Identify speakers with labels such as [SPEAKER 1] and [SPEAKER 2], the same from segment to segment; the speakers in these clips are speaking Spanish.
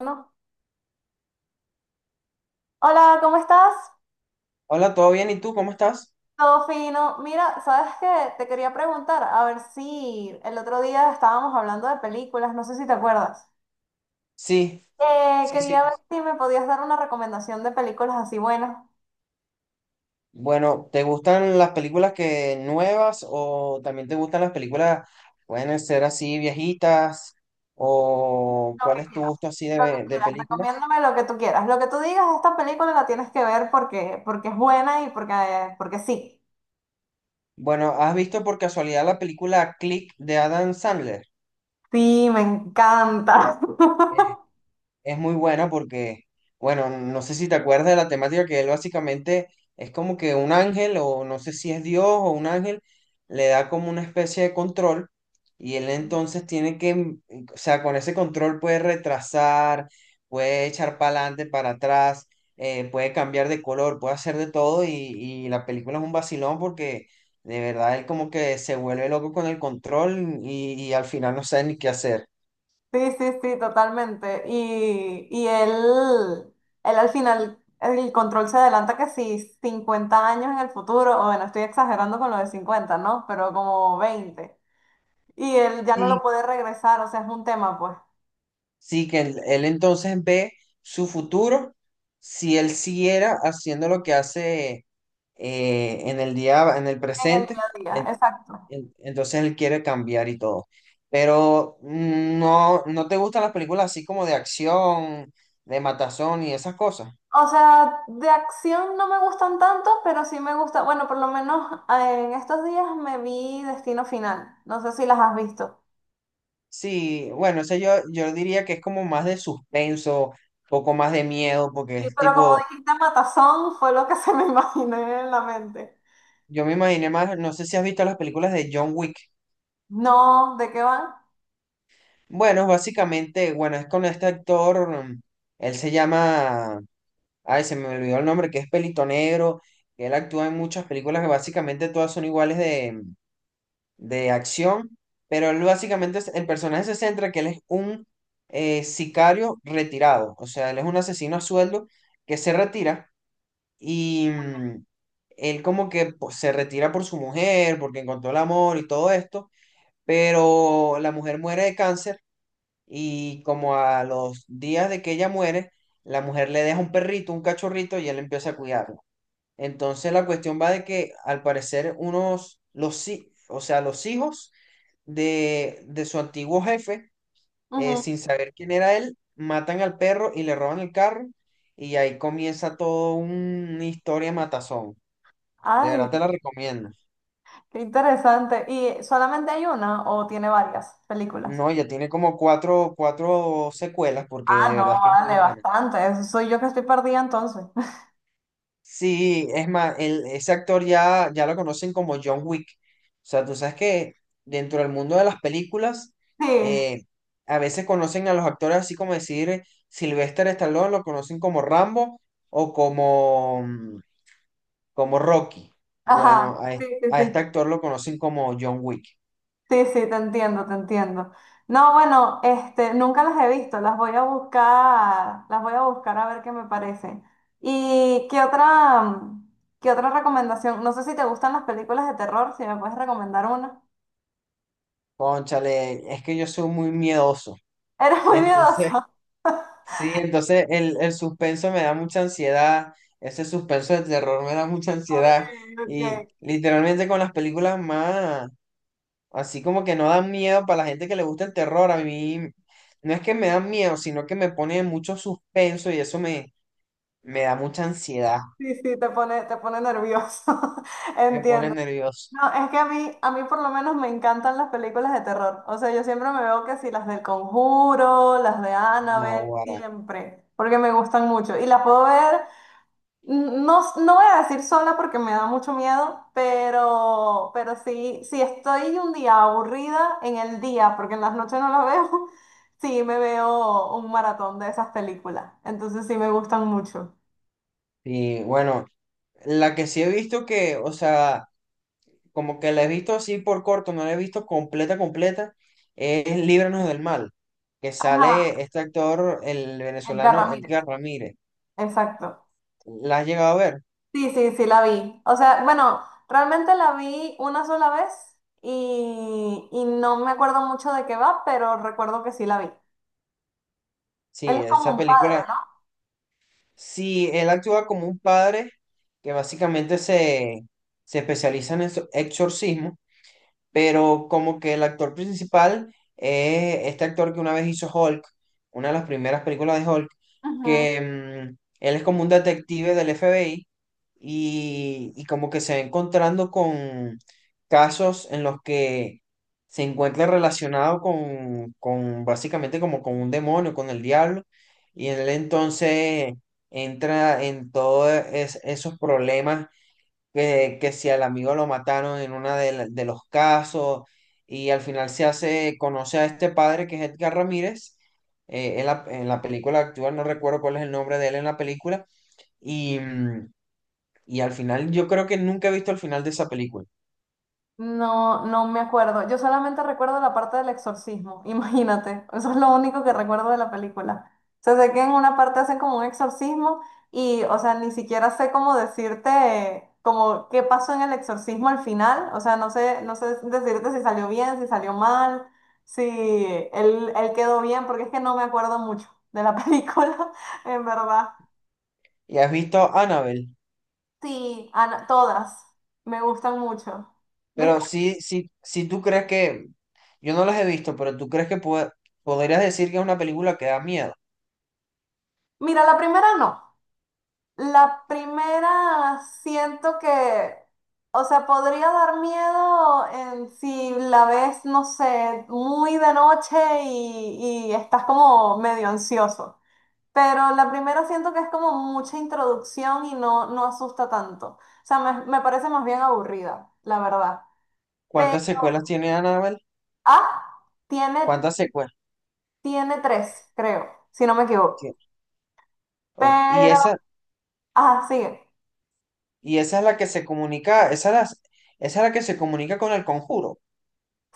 [SPEAKER 1] No. Hola, ¿cómo estás?
[SPEAKER 2] Hola, ¿todo bien? ¿Y tú cómo estás?
[SPEAKER 1] Todo fino. Mira, sabes que te quería preguntar, a ver si el otro día estábamos hablando de películas, no sé si te acuerdas.
[SPEAKER 2] Sí, sí.
[SPEAKER 1] Quería ver si me podías dar una recomendación de películas así buenas.
[SPEAKER 2] Bueno, ¿te gustan las películas que nuevas o también te gustan las películas, pueden ser así viejitas o
[SPEAKER 1] Lo
[SPEAKER 2] cuál
[SPEAKER 1] que
[SPEAKER 2] es tu
[SPEAKER 1] quieras,
[SPEAKER 2] gusto así de,
[SPEAKER 1] lo que
[SPEAKER 2] de
[SPEAKER 1] quieras,
[SPEAKER 2] películas?
[SPEAKER 1] recomiéndame lo que tú quieras. Lo que tú digas, esta película la tienes que ver porque, porque es buena y porque, porque sí.
[SPEAKER 2] Bueno, ¿has visto por casualidad la película Click de Adam Sandler?
[SPEAKER 1] Sí, me encanta.
[SPEAKER 2] Es muy buena porque, bueno, no sé si te acuerdas de la temática que él básicamente es como que un ángel, o no sé si es Dios o un ángel, le da como una especie de control y él entonces tiene que, o sea, con ese control puede retrasar, puede echar para adelante, para atrás, puede cambiar de color, puede hacer de todo y la película es un vacilón porque de verdad él como que se vuelve loco con el control y al final no sabe ni qué hacer.
[SPEAKER 1] Sí, sí, sí, totalmente. Y él, él al final, el control se adelanta que si 50 años en el futuro, o bueno, estoy exagerando con lo de 50, ¿no? Pero como 20. Y él ya no lo puede regresar, o sea, es un tema, pues,
[SPEAKER 2] Sí, que él entonces ve su futuro si él siguiera haciendo lo que hace en el día, en el
[SPEAKER 1] en el
[SPEAKER 2] presente,
[SPEAKER 1] día a día,
[SPEAKER 2] ent-
[SPEAKER 1] exacto.
[SPEAKER 2] entonces él quiere cambiar y todo. Pero no, no te gustan las películas así como de acción, de matazón y esas cosas.
[SPEAKER 1] O sea, de acción no me gustan tanto, pero sí me gusta, bueno, por lo menos en estos días me vi Destino Final, no sé si las has visto.
[SPEAKER 2] Sí, bueno, ese yo diría que es como más de suspenso, poco más de miedo, porque
[SPEAKER 1] Sí,
[SPEAKER 2] es
[SPEAKER 1] pero como
[SPEAKER 2] tipo,
[SPEAKER 1] dijiste, Matazón fue lo que se me imaginé en la mente.
[SPEAKER 2] yo me imaginé más, no sé si has visto las películas de John Wick.
[SPEAKER 1] No, ¿de qué van?
[SPEAKER 2] Bueno, básicamente, bueno, es con este actor, él se llama, ay, se me olvidó el nombre, que es Pelito Negro, que él actúa en muchas películas que básicamente todas son iguales de acción, pero él básicamente, el personaje se centra que él es un sicario retirado, o sea, él es un asesino a sueldo que se retira y él como que pues, se retira por su mujer, porque encontró el amor y todo esto, pero la mujer muere de cáncer y como a los días de que ella muere, la mujer le deja un perrito, un cachorrito, y él empieza a cuidarlo. Entonces la cuestión va de que al parecer unos, los, o sea, los hijos de su antiguo jefe,
[SPEAKER 1] Ujú.
[SPEAKER 2] sin saber quién era él, matan al perro y le roban el carro. Y ahí comienza todo una historia matazón. De
[SPEAKER 1] Ay,
[SPEAKER 2] verdad te la recomiendo.
[SPEAKER 1] qué interesante. ¿Y solamente hay una o tiene varias películas?
[SPEAKER 2] No, ya tiene como cuatro secuelas porque
[SPEAKER 1] Ah,
[SPEAKER 2] de verdad es que es
[SPEAKER 1] no,
[SPEAKER 2] muy
[SPEAKER 1] vale,
[SPEAKER 2] buena.
[SPEAKER 1] bastante. Eso soy yo que estoy perdida entonces.
[SPEAKER 2] Sí, es más, el, ese actor ya, ya lo conocen como John Wick. O sea, tú sabes que dentro del mundo de las películas,
[SPEAKER 1] Sí,
[SPEAKER 2] eh, a veces conocen a los actores así como decir Sylvester Stallone, lo conocen como Rambo o como, como Rocky. Bueno,
[SPEAKER 1] ajá, sí, sí,
[SPEAKER 2] a este
[SPEAKER 1] sí.
[SPEAKER 2] actor lo conocen como John Wick.
[SPEAKER 1] Sí, sí, te entiendo, te entiendo. No, bueno, este, nunca las he visto, las voy a buscar, las voy a buscar a ver qué me parecen. ¿Y qué otra, qué otra recomendación? No sé si te gustan las películas de terror, si me puedes recomendar una.
[SPEAKER 2] Cónchale, es que yo soy muy miedoso.
[SPEAKER 1] Eres muy
[SPEAKER 2] Entonces,
[SPEAKER 1] miedoso.
[SPEAKER 2] sí, entonces el suspenso me da mucha ansiedad, ese suspenso de terror me da mucha
[SPEAKER 1] Ok,
[SPEAKER 2] ansiedad y
[SPEAKER 1] ok.
[SPEAKER 2] literalmente con las películas más, así como que no dan miedo para la gente que le gusta el terror, a mí no es que me dan miedo, sino que me pone mucho suspenso y eso me, me da mucha ansiedad,
[SPEAKER 1] Sí, sí, te pone nervioso.
[SPEAKER 2] me pone
[SPEAKER 1] Entiendo.
[SPEAKER 2] nervioso.
[SPEAKER 1] No, es que a mí por lo menos me encantan las películas de terror. O sea, yo siempre me veo que sí, las del Conjuro, las de
[SPEAKER 2] No,
[SPEAKER 1] Annabelle,
[SPEAKER 2] guara.
[SPEAKER 1] siempre, porque me gustan mucho. Y las puedo ver, no, no voy a decir sola porque me da mucho miedo, pero sí, si estoy un día aburrida en el día, porque en las noches no las veo, sí me veo un maratón de esas películas. Entonces sí me gustan mucho.
[SPEAKER 2] Y bueno, la que sí he visto que, o sea, como que la he visto así por corto, no la he visto completa, completa, es Líbranos del Mal, que
[SPEAKER 1] Ajá,
[SPEAKER 2] sale este actor, el
[SPEAKER 1] de
[SPEAKER 2] venezolano Edgar
[SPEAKER 1] Ramírez.
[SPEAKER 2] Ramírez.
[SPEAKER 1] Exacto.
[SPEAKER 2] ¿La has llegado a ver?
[SPEAKER 1] Sí, sí, sí, la vi. O sea, bueno, realmente la vi una sola vez y no me acuerdo mucho de qué va, pero recuerdo que sí la vi. Él
[SPEAKER 2] Sí,
[SPEAKER 1] es como
[SPEAKER 2] esa
[SPEAKER 1] un
[SPEAKER 2] película.
[SPEAKER 1] padre,
[SPEAKER 2] Sí, él actúa como un padre que básicamente se, se especializa en exorcismo pero como que el actor principal es este actor que una vez hizo Hulk, una de las primeras películas de Hulk,
[SPEAKER 1] ¿no?
[SPEAKER 2] que él es como un detective del FBI y como que se va encontrando con casos en los que se encuentra relacionado con básicamente como con un demonio, con el diablo, y él entonces entra en todos esos problemas que si al amigo lo mataron en uno de, de los casos y al final se hace, conoce a este padre que es Edgar Ramírez, en la película actual, no recuerdo cuál es el nombre de él en la película, y, y al final yo creo que nunca he visto el final de esa película.
[SPEAKER 1] No, no me acuerdo. Yo solamente recuerdo la parte del exorcismo, imagínate. Eso es lo único que recuerdo de la película. O sea, sé que en una parte hacen como un exorcismo y, o sea, ni siquiera sé cómo decirte como qué pasó en el exorcismo al final. O sea, no sé, no sé decirte si salió bien, si salió mal, si él, él quedó bien, porque es que no me acuerdo mucho de la película, en verdad.
[SPEAKER 2] ¿Y has visto Annabelle,
[SPEAKER 1] Sí, Ana, todas me gustan mucho.
[SPEAKER 2] pero
[SPEAKER 1] ¿Viste?
[SPEAKER 2] sí, sí, sí tú crees que, yo no las he visto, pero tú crees que podrías decir que es una película que da miedo?
[SPEAKER 1] Mira, la primera no. La primera siento que, o sea, podría dar miedo en si la ves, no sé, muy de noche y estás como medio ansioso. Pero la primera siento que es como mucha introducción y no, no asusta tanto. O sea, me parece más bien aburrida, la verdad. Pero,
[SPEAKER 2] ¿Cuántas secuelas tiene Annabelle?
[SPEAKER 1] ah, tiene,
[SPEAKER 2] ¿Cuántas secuelas
[SPEAKER 1] tiene tres, creo, si no me equivoco.
[SPEAKER 2] tiene? Ok. Y
[SPEAKER 1] Pero,
[SPEAKER 2] esa
[SPEAKER 1] ah, sigue.
[SPEAKER 2] y esa es la que se comunica, esa es la que se comunica con el conjuro.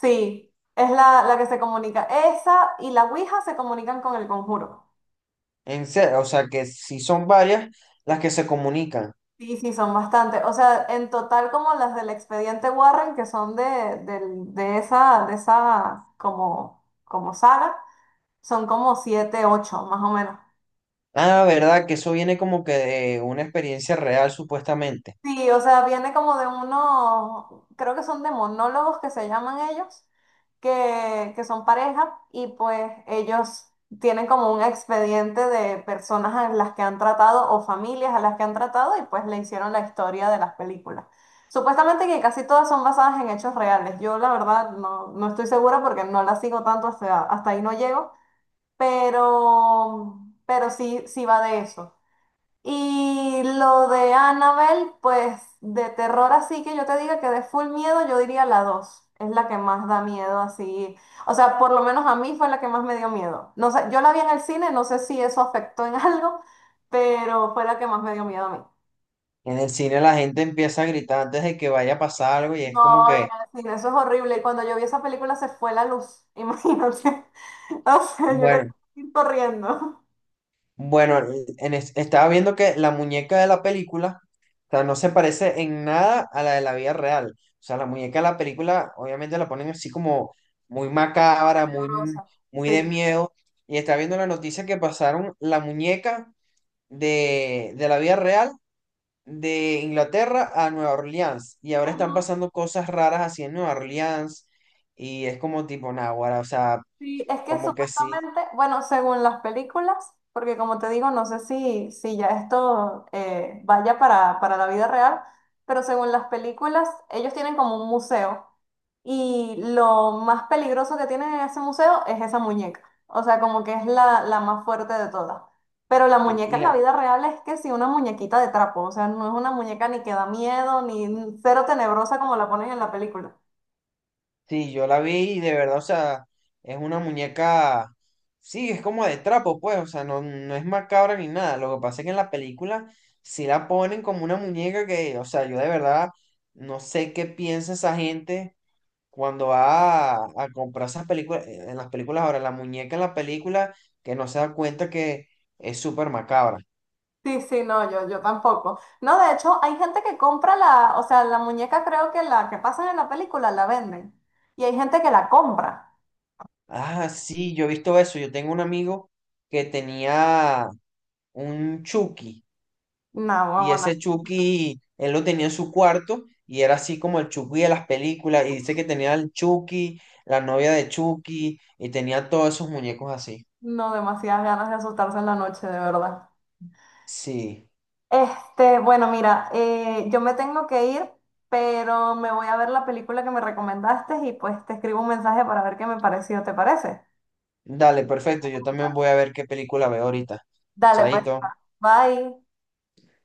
[SPEAKER 1] Sí, es la, la que se comunica. Esa y la Ouija se comunican con el conjuro.
[SPEAKER 2] En serio, o sea que si son varias las que se comunican.
[SPEAKER 1] Sí, sí, son bastante. O sea, en total como las del expediente Warren, que son de, de esa como, como saga, son como siete, ocho, más o menos.
[SPEAKER 2] Ah, verdad, que eso viene como que de una experiencia real, supuestamente.
[SPEAKER 1] Sí, o sea, viene como de unos, creo que son de monólogos que se llaman ellos, que son pareja y pues ellos tienen como un expediente de personas a las que han tratado o familias a las que han tratado y pues le hicieron la historia de las películas. Supuestamente que casi todas son basadas en hechos reales. Yo la verdad no, no estoy segura porque no la sigo tanto, hasta, hasta ahí no llego, pero, pero sí, sí va de eso. Y lo de Annabelle, pues de terror así que yo te diga que de full miedo, yo diría la dos. Es la que más da miedo así. O sea, por lo menos a mí fue la que más me dio miedo. No sé, yo la vi en el cine, no sé si eso afectó en algo, pero fue la que más me dio miedo a mí.
[SPEAKER 2] En el cine la gente empieza a gritar antes de que vaya a pasar algo y es como
[SPEAKER 1] No, en
[SPEAKER 2] que,
[SPEAKER 1] el cine, eso es horrible. Y cuando yo vi esa película se fue la luz, imagínate. O sea, yo quería
[SPEAKER 2] bueno,
[SPEAKER 1] ir corriendo.
[SPEAKER 2] bueno, en estaba viendo que la muñeca de la película, o sea, no se parece en nada a la de la vida real. O sea, la muñeca de la película, obviamente la ponen así como muy macabra, muy,
[SPEAKER 1] Tenebrosa,
[SPEAKER 2] muy de
[SPEAKER 1] sí.
[SPEAKER 2] miedo. Y estaba viendo la noticia que pasaron la muñeca de la vida real de Inglaterra a Nueva Orleans. Y ahora están
[SPEAKER 1] Ujú.
[SPEAKER 2] pasando cosas raras así en Nueva Orleans. Y es como tipo náguara, o sea,
[SPEAKER 1] Sí, es que
[SPEAKER 2] como que sí.
[SPEAKER 1] supuestamente, bueno, según las películas, porque como te digo, no sé si, si ya esto vaya para la vida real, pero según las películas, ellos tienen como un museo y lo más peligroso que tiene ese museo es esa muñeca, o sea, como que es la, la más fuerte de todas. Pero la
[SPEAKER 2] Y,
[SPEAKER 1] muñeca
[SPEAKER 2] y
[SPEAKER 1] en
[SPEAKER 2] la,
[SPEAKER 1] la vida real es que sí, una muñequita de trapo, o sea, no es una muñeca ni que da miedo, ni cero tenebrosa como la ponen en la película.
[SPEAKER 2] sí, yo la vi y de verdad, o sea, es una muñeca, sí, es como de trapo, pues, o sea, no, no es macabra ni nada. Lo que pasa es que en la película sí la ponen como una muñeca que, o sea, yo de verdad no sé qué piensa esa gente cuando va a comprar esas películas, en las películas ahora, la muñeca en la película que no se da cuenta que es súper macabra.
[SPEAKER 1] Sí, sí, no, yo tampoco. No, de hecho, hay gente que compra la, o sea, la muñeca creo que la que pasan en la película la venden. Y hay gente que la compra.
[SPEAKER 2] Ah, sí, yo he visto eso. Yo tengo un amigo que tenía un Chucky.
[SPEAKER 1] No,
[SPEAKER 2] Y
[SPEAKER 1] huevona.
[SPEAKER 2] ese Chucky, él lo tenía en su cuarto y era así como el Chucky de las películas y dice que tenía el Chucky, la novia de Chucky y tenía todos esos muñecos así.
[SPEAKER 1] No, demasiadas ganas de asustarse en la noche, de verdad.
[SPEAKER 2] Sí,
[SPEAKER 1] Este, bueno, mira, yo me tengo que ir, pero me voy a ver la película que me recomendaste y pues te escribo un mensaje para ver qué me pareció, ¿te parece?
[SPEAKER 2] dale, perfecto, yo también voy a ver qué película veo ahorita.
[SPEAKER 1] Dale, pues,
[SPEAKER 2] Chaito.
[SPEAKER 1] bye.